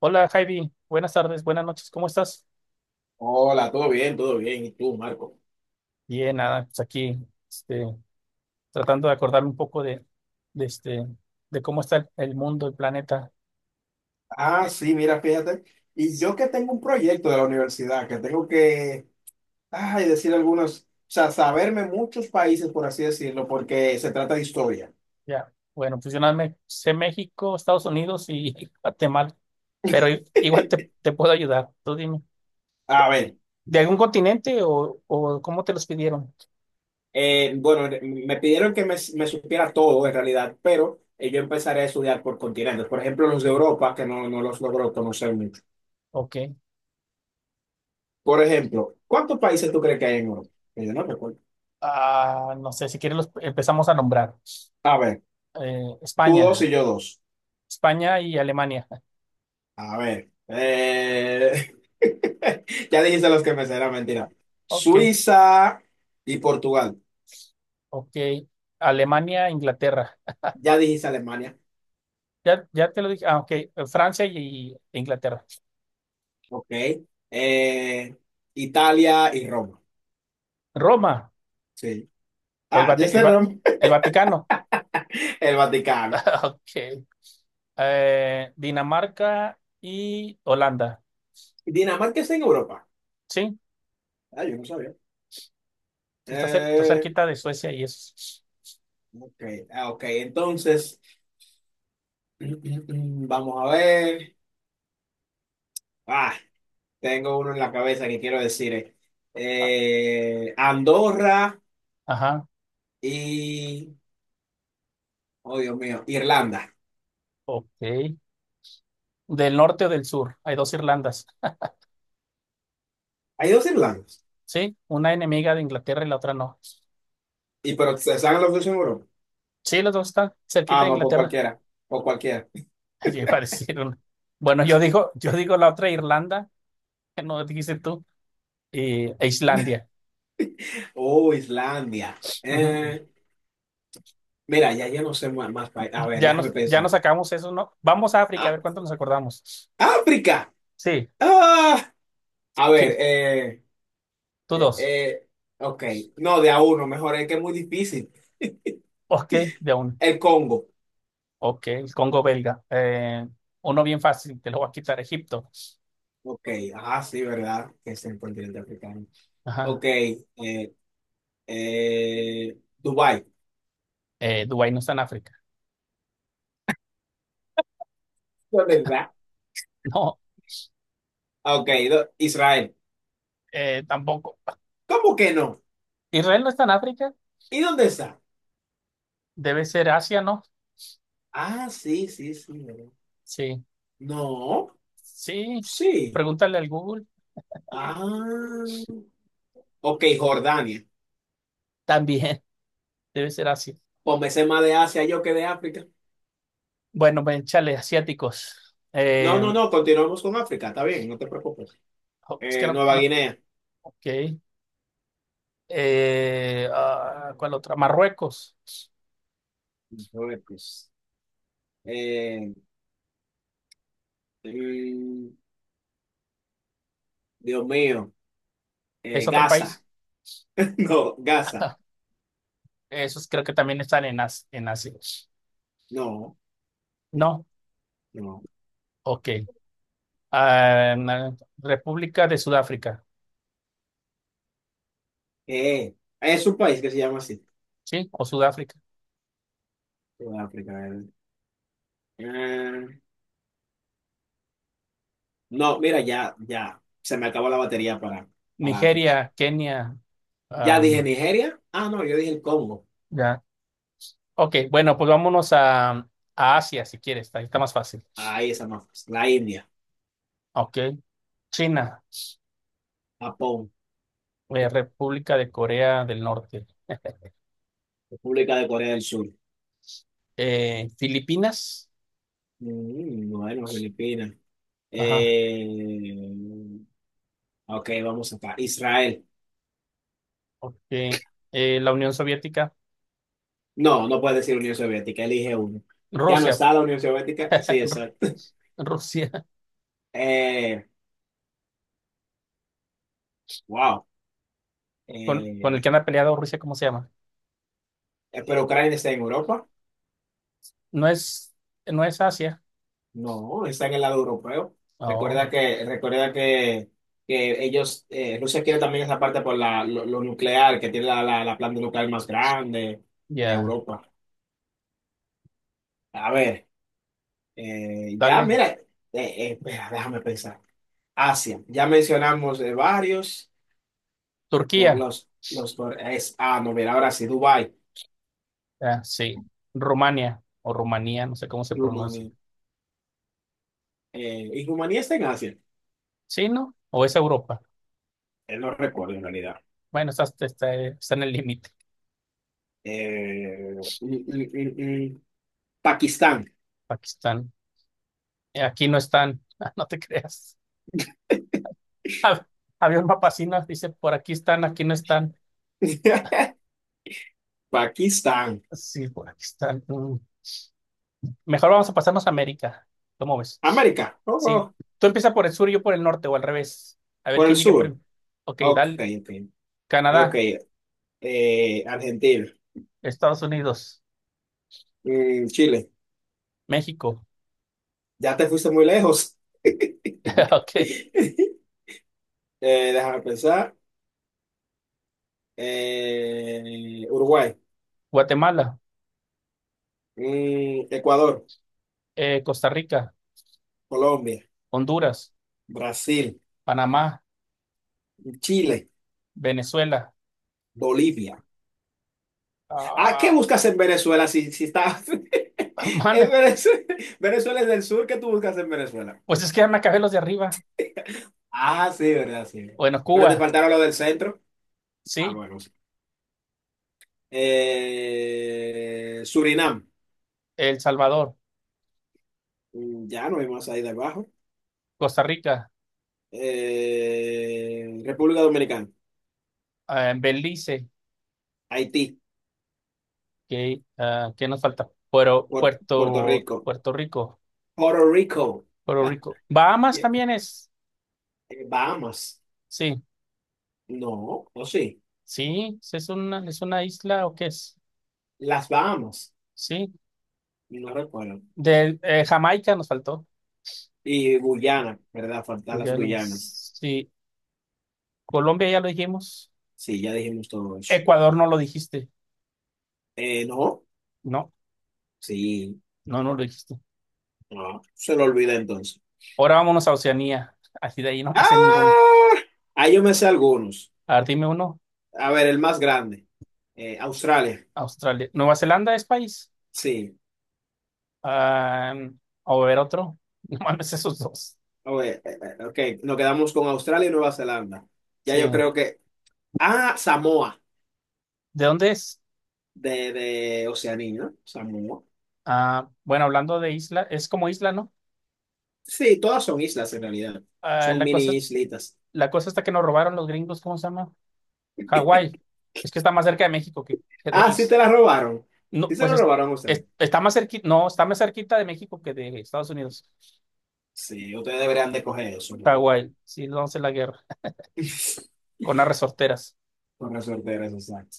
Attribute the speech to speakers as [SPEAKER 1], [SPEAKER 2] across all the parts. [SPEAKER 1] Hola Javi, buenas tardes, buenas noches, ¿cómo estás?
[SPEAKER 2] Hola, todo bien, todo bien. ¿Y tú, Marco?
[SPEAKER 1] Bien, nada, pues aquí este, tratando de acordarme un poco de, de cómo está el mundo, el planeta.
[SPEAKER 2] Ah, sí, mira, fíjate. Y yo que tengo un proyecto de la universidad, que tengo que, ay, decir algunos, o sea, saberme muchos países, por así decirlo, porque se trata de historia.
[SPEAKER 1] Ya, bueno, pues yo nada me sé México, Estados Unidos y Guatemala, pero igual te puedo ayudar, tú dime.
[SPEAKER 2] A ver,
[SPEAKER 1] ¿De algún continente o cómo te los pidieron?
[SPEAKER 2] bueno, me pidieron que me supiera todo en realidad, pero yo empezaré a estudiar por continentes. Por ejemplo, los de
[SPEAKER 1] Sí,
[SPEAKER 2] Europa, que no los logro conocer mucho.
[SPEAKER 1] ok.
[SPEAKER 2] Por ejemplo, ¿cuántos países tú crees que hay en Europa? Que yo no recuerdo.
[SPEAKER 1] Ah, no sé, si quieres los empezamos a nombrar.
[SPEAKER 2] A ver,
[SPEAKER 1] Eh,
[SPEAKER 2] tú dos
[SPEAKER 1] España,
[SPEAKER 2] y yo dos.
[SPEAKER 1] España y Alemania.
[SPEAKER 2] A ver, ya dijiste los que me será mentira.
[SPEAKER 1] Ok,
[SPEAKER 2] Suiza y Portugal.
[SPEAKER 1] ok. Alemania, Inglaterra.
[SPEAKER 2] Ya dijiste Alemania.
[SPEAKER 1] Ya, ya te lo dije. Ah, ok. Francia y Inglaterra.
[SPEAKER 2] Ok. Eh, Italia y Roma.
[SPEAKER 1] Roma
[SPEAKER 2] Sí.
[SPEAKER 1] o
[SPEAKER 2] Ah, ya sé Roma.
[SPEAKER 1] El Vaticano.
[SPEAKER 2] El Vaticano.
[SPEAKER 1] Ok. Dinamarca y Holanda.
[SPEAKER 2] Dinamarca está en Europa.
[SPEAKER 1] Sí,
[SPEAKER 2] Ah, yo no sabía.
[SPEAKER 1] sí está, está
[SPEAKER 2] Eh,
[SPEAKER 1] cerquita de Suecia y es.
[SPEAKER 2] ok, ah, ok. Entonces, vamos a ver. Ah, tengo uno en la cabeza que quiero decir.
[SPEAKER 1] ah,
[SPEAKER 2] Andorra
[SPEAKER 1] Ajá.
[SPEAKER 2] y. Oh, Dios mío. Irlanda.
[SPEAKER 1] Ok. ¿Del norte o del sur? Hay dos Irlandas.
[SPEAKER 2] Hay dos Irlandas.
[SPEAKER 1] Sí, una enemiga de Inglaterra y la otra no.
[SPEAKER 2] Y pero se saben los dos en Europa.
[SPEAKER 1] Sí, los dos están cerquita
[SPEAKER 2] Ah,
[SPEAKER 1] de
[SPEAKER 2] no, por
[SPEAKER 1] Inglaterra.
[SPEAKER 2] cualquiera. Por cualquiera.
[SPEAKER 1] Yo iba a decir una. Bueno, yo digo la otra Irlanda, que no dijiste tú, e Islandia.
[SPEAKER 2] Oh, Islandia.
[SPEAKER 1] Ujú.
[SPEAKER 2] Eh, mira, ya, ya no sé más, más países. A ver, déjame
[SPEAKER 1] Ya
[SPEAKER 2] pensar.
[SPEAKER 1] nos sacamos eso, ¿no? Vamos a África, a
[SPEAKER 2] Ah,
[SPEAKER 1] ver cuánto nos acordamos.
[SPEAKER 2] África.
[SPEAKER 1] Sí,
[SPEAKER 2] Ah, a ver,
[SPEAKER 1] sí, tú
[SPEAKER 2] eh,
[SPEAKER 1] dos.
[SPEAKER 2] eh, ok. No, de a uno, mejor es que es muy difícil.
[SPEAKER 1] Ok, de a uno.
[SPEAKER 2] El Congo.
[SPEAKER 1] Ok, el Congo belga. Uno bien fácil, te lo voy a quitar. Egipto.
[SPEAKER 2] Ok, ah, sí, ¿verdad? Que es el continente africano. Ok,
[SPEAKER 1] Ajá.
[SPEAKER 2] Dubái.
[SPEAKER 1] Dubái no está en África.
[SPEAKER 2] ¿Verdad?
[SPEAKER 1] No,
[SPEAKER 2] Ok, Israel.
[SPEAKER 1] tampoco.
[SPEAKER 2] ¿Cómo que no?
[SPEAKER 1] Israel no está en África.
[SPEAKER 2] ¿Y dónde está?
[SPEAKER 1] Debe ser Asia, ¿no?
[SPEAKER 2] Ah, sí, sí, sí. ¿Verdad?
[SPEAKER 1] Sí.
[SPEAKER 2] No,
[SPEAKER 1] Sí.
[SPEAKER 2] sí.
[SPEAKER 1] Pregúntale al Google.
[SPEAKER 2] Ah, ok, Jordania.
[SPEAKER 1] También, debe ser Asia.
[SPEAKER 2] Pues me sé más de Asia yo que de África.
[SPEAKER 1] Bueno, ven, chale, asiáticos.
[SPEAKER 2] No, no,
[SPEAKER 1] Eh,
[SPEAKER 2] no, continuamos con África, está bien, no te preocupes.
[SPEAKER 1] oh, es que no,
[SPEAKER 2] Nueva
[SPEAKER 1] no.
[SPEAKER 2] Guinea.
[SPEAKER 1] Ok. ¿Cuál otra? Marruecos.
[SPEAKER 2] Marruecos. Eh, mm, Dios mío.
[SPEAKER 1] Es otro
[SPEAKER 2] Gaza.
[SPEAKER 1] país.
[SPEAKER 2] No, Gaza.
[SPEAKER 1] Esos creo que también están en Asia.
[SPEAKER 2] No,
[SPEAKER 1] No,
[SPEAKER 2] no.
[SPEAKER 1] ok. Ah, República de Sudáfrica,
[SPEAKER 2] Eh, es un país que se llama así.
[SPEAKER 1] ¿sí? O Sudáfrica.
[SPEAKER 2] África. Eh, no, mira, ya, ya. Se me acabó la batería para África.
[SPEAKER 1] Nigeria, Kenia.
[SPEAKER 2] Ya dije
[SPEAKER 1] am,
[SPEAKER 2] Nigeria. Ah, no, yo dije el Congo.
[SPEAKER 1] ya. Ok, bueno, pues vámonos a Asia si quieres. Ahí está más fácil.
[SPEAKER 2] Ahí esa más fácil. La India,
[SPEAKER 1] Ok. China,
[SPEAKER 2] Japón,
[SPEAKER 1] República de Corea del Norte.
[SPEAKER 2] República de Corea del Sur.
[SPEAKER 1] Filipinas.
[SPEAKER 2] Bueno, Filipinas.
[SPEAKER 1] Ajá.
[SPEAKER 2] Eh, ok, vamos acá. Israel.
[SPEAKER 1] Ok. La Unión Soviética.
[SPEAKER 2] No, no puedes decir Unión Soviética, elige uno. Ya no
[SPEAKER 1] Rusia.
[SPEAKER 2] está la Unión Soviética. Sí,
[SPEAKER 1] Ru-
[SPEAKER 2] exacto.
[SPEAKER 1] Rusia.
[SPEAKER 2] Eh, wow.
[SPEAKER 1] Con el
[SPEAKER 2] Eh,
[SPEAKER 1] que anda peleado Rusia, ¿cómo se llama?
[SPEAKER 2] pero Ucrania está en Europa.
[SPEAKER 1] No es, no es Asia.
[SPEAKER 2] No, está en el lado europeo.
[SPEAKER 1] Oh,
[SPEAKER 2] Recuerda que ellos, Rusia quiere también esa parte por lo nuclear, que tiene la planta nuclear más grande de
[SPEAKER 1] ya.
[SPEAKER 2] Europa. A ver, ya
[SPEAKER 1] Dale.
[SPEAKER 2] mira, espera, déjame pensar. Asia, ya mencionamos de varios, por
[SPEAKER 1] Turquía.
[SPEAKER 2] los, por- es, ah, no, mira, ahora sí, Dubái,
[SPEAKER 1] Ah, sí. Rumania o Rumanía, no sé cómo se pronuncia.
[SPEAKER 2] Rumanía. ¿Y Rumanía está en Asia?
[SPEAKER 1] ¿Sí, no? ¿O es Europa?
[SPEAKER 2] No recuerdo en realidad.
[SPEAKER 1] Bueno, está en el límite.
[SPEAKER 2] Eh, mm, mm, mm, mm, Pakistán.
[SPEAKER 1] Pakistán. Aquí no están. Ah, no te creas. Hab- Había un mapa así, ¿no? Dice, por aquí están, aquí no están.
[SPEAKER 2] Pakistán.
[SPEAKER 1] Sí, por aquí están. Mm. Mejor vamos a pasarnos a América. ¿Cómo ves?
[SPEAKER 2] América. Oh,
[SPEAKER 1] Sí.
[SPEAKER 2] oh.
[SPEAKER 1] Tú empiezas por el sur y yo por el norte o al revés. A ver
[SPEAKER 2] Por el
[SPEAKER 1] quién llegue
[SPEAKER 2] sur.
[SPEAKER 1] primero. Ok,
[SPEAKER 2] Ok,
[SPEAKER 1] dale.
[SPEAKER 2] entiendo. Ok.
[SPEAKER 1] Canadá.
[SPEAKER 2] Argentina.
[SPEAKER 1] Estados Unidos,
[SPEAKER 2] Chile.
[SPEAKER 1] México,
[SPEAKER 2] Ya te fuiste muy lejos.
[SPEAKER 1] ok,
[SPEAKER 2] Déjame pensar. Uruguay.
[SPEAKER 1] Guatemala,
[SPEAKER 2] Ecuador.
[SPEAKER 1] Costa Rica,
[SPEAKER 2] Colombia.
[SPEAKER 1] Honduras,
[SPEAKER 2] Brasil.
[SPEAKER 1] Panamá,
[SPEAKER 2] Chile.
[SPEAKER 1] Venezuela.
[SPEAKER 2] Bolivia. Ah, ¿qué
[SPEAKER 1] Ah,
[SPEAKER 2] buscas en Venezuela si, si estás en
[SPEAKER 1] manda,
[SPEAKER 2] Venezuela, Venezuela es del sur, ¿qué tú buscas en Venezuela?
[SPEAKER 1] pues es que ya me acabé los de arriba.
[SPEAKER 2] Ah, sí, verdad, sí.
[SPEAKER 1] Bueno,
[SPEAKER 2] Pero te
[SPEAKER 1] Cuba,
[SPEAKER 2] faltaron lo del centro. Ah,
[SPEAKER 1] sí,
[SPEAKER 2] bueno. Sí. Surinam.
[SPEAKER 1] El Salvador,
[SPEAKER 2] Ya no hay más ahí debajo.
[SPEAKER 1] Costa Rica,
[SPEAKER 2] República Dominicana.
[SPEAKER 1] Belice,
[SPEAKER 2] Haití.
[SPEAKER 1] ¿qué nos falta?
[SPEAKER 2] Puerto Rico.
[SPEAKER 1] Puerto Rico,
[SPEAKER 2] Puerto Rico.
[SPEAKER 1] Puerto Rico. Bahamas
[SPEAKER 2] Eh,
[SPEAKER 1] también es,
[SPEAKER 2] Bahamas.
[SPEAKER 1] sí,
[SPEAKER 2] No, o sí.
[SPEAKER 1] sí, sí, es es una isla o qué es,
[SPEAKER 2] Las Bahamas.
[SPEAKER 1] sí.
[SPEAKER 2] No recuerdo.
[SPEAKER 1] De Jamaica nos faltó.
[SPEAKER 2] Y Guyana, ¿verdad? Faltan las
[SPEAKER 1] Guyana,
[SPEAKER 2] Guyanas.
[SPEAKER 1] sí, Colombia ya lo dijimos.
[SPEAKER 2] Sí, ya dijimos todo eso.
[SPEAKER 1] Ecuador no lo dijiste.
[SPEAKER 2] No.
[SPEAKER 1] No,
[SPEAKER 2] Sí.
[SPEAKER 1] no, no lo dijiste.
[SPEAKER 2] No, se lo olvida entonces.
[SPEAKER 1] Ahora vámonos a Oceanía. Así de ahí no me
[SPEAKER 2] ¡Ah!
[SPEAKER 1] sé ninguno.
[SPEAKER 2] Ahí yo me sé algunos.
[SPEAKER 1] A ver, dime uno.
[SPEAKER 2] A ver, el más grande. Australia.
[SPEAKER 1] Australia. ¿Nueva Zelanda es país?
[SPEAKER 2] Sí.
[SPEAKER 1] Ah, a ver otro. No mames, esos dos.
[SPEAKER 2] Oye, ok, nos quedamos con Australia y Nueva Zelanda. Ya
[SPEAKER 1] Sí.
[SPEAKER 2] yo creo que. Ah, Samoa,
[SPEAKER 1] ¿De dónde es?
[SPEAKER 2] de Oceanía, ¿no? Samoa.
[SPEAKER 1] Ah, bueno, hablando de isla, es como isla, ¿no?
[SPEAKER 2] Sí, todas son islas en realidad.
[SPEAKER 1] Ah,
[SPEAKER 2] Son
[SPEAKER 1] la cosa,
[SPEAKER 2] mini islitas.
[SPEAKER 1] la cosa está que nos robaron los gringos, ¿cómo se llama? Hawái. Es que está más cerca de México que de
[SPEAKER 2] Ah, sí te
[SPEAKER 1] ellos.
[SPEAKER 2] la robaron.
[SPEAKER 1] No,
[SPEAKER 2] Sí se
[SPEAKER 1] pues
[SPEAKER 2] lo
[SPEAKER 1] es-
[SPEAKER 2] robaron a ustedes.
[SPEAKER 1] es- está más cerquita, no, está más cerquita de México que de Estados Unidos.
[SPEAKER 2] Sí, ustedes deberían de coger eso, en
[SPEAKER 1] Está
[SPEAKER 2] realidad.
[SPEAKER 1] sí, vamos a hacer la guerra. Con las resorteras.
[SPEAKER 2] Con resorteras, exacto.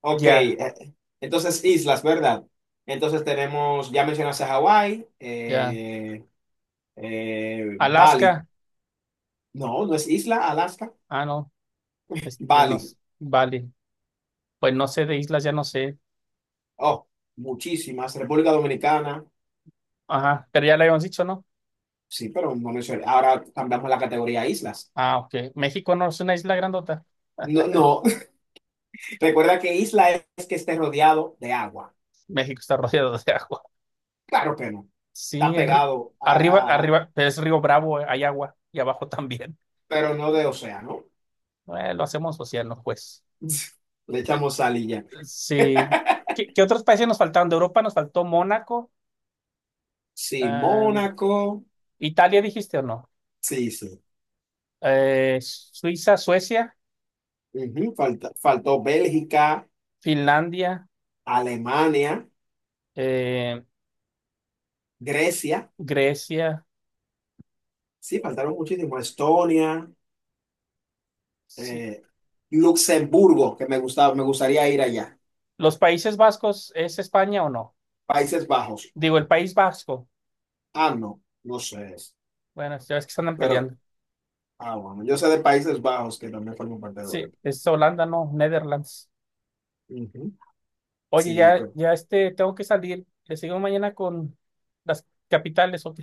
[SPEAKER 2] Ok,
[SPEAKER 1] Ya,
[SPEAKER 2] entonces islas, ¿verdad? Entonces tenemos, ya mencionaste a Hawái,
[SPEAKER 1] ya.
[SPEAKER 2] Bali.
[SPEAKER 1] Alaska.
[SPEAKER 2] No, no es isla, Alaska.
[SPEAKER 1] Ah, no. No.
[SPEAKER 2] Bali.
[SPEAKER 1] Vale. Pues no sé de islas, ya no sé.
[SPEAKER 2] Oh, muchísimas. República Dominicana,
[SPEAKER 1] Ajá. Pero ya le habíamos dicho, ¿no?
[SPEAKER 2] sí, pero no mencioné. Ahora cambiamos la categoría a islas.
[SPEAKER 1] Ah, ok. ¿México no es una isla grandota?
[SPEAKER 2] No, no. Recuerda que isla es que esté rodeado de agua.
[SPEAKER 1] México está rodeado de agua.
[SPEAKER 2] Claro que no. Está
[SPEAKER 1] Sí,
[SPEAKER 2] pegado
[SPEAKER 1] arriba, arriba, pero es Río Bravo, hay agua. Y abajo también.
[SPEAKER 2] pero no de océano.
[SPEAKER 1] Lo hacemos océano, pues.
[SPEAKER 2] Le
[SPEAKER 1] Eh,
[SPEAKER 2] echamos sal y ya.
[SPEAKER 1] sí. ¿Qué, qué otros países nos faltaron? De Europa nos faltó Mónaco.
[SPEAKER 2] Sí,
[SPEAKER 1] Em,
[SPEAKER 2] Mónaco.
[SPEAKER 1] Italia, ¿dijiste o no?
[SPEAKER 2] Sí, sí.
[SPEAKER 1] Suiza, Suecia,
[SPEAKER 2] Ujú, faltó Bélgica,
[SPEAKER 1] Finlandia,
[SPEAKER 2] Alemania,
[SPEAKER 1] eh,
[SPEAKER 2] Grecia.
[SPEAKER 1] Grecia.
[SPEAKER 2] Sí, faltaron muchísimo. Estonia,
[SPEAKER 1] Sí.
[SPEAKER 2] eh, Luxemburgo, que me gustaba, me gustaría ir allá.
[SPEAKER 1] ¿Los Países Vascos es España o no?
[SPEAKER 2] Países Bajos.
[SPEAKER 1] Digo, el País Vasco.
[SPEAKER 2] Ah, no, no sé.
[SPEAKER 1] Bueno, ya ves que se andan
[SPEAKER 2] Pero,
[SPEAKER 1] peleando.
[SPEAKER 2] ah, bueno, yo sé de Países Bajos que también forman parte de
[SPEAKER 1] Sí,
[SPEAKER 2] Europa.
[SPEAKER 1] es Holanda, no, Netherlands.
[SPEAKER 2] Ujú.
[SPEAKER 1] Oye,
[SPEAKER 2] Sí,
[SPEAKER 1] ya,
[SPEAKER 2] pero,
[SPEAKER 1] ya este, tengo que salir. Le sigo mañana con las capitales, ok.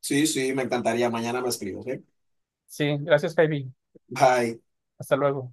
[SPEAKER 2] sí, sí, me encantaría. Mañana me escribo, ¿ok?
[SPEAKER 1] Sí, gracias, baby.
[SPEAKER 2] Bye.
[SPEAKER 1] Hasta luego.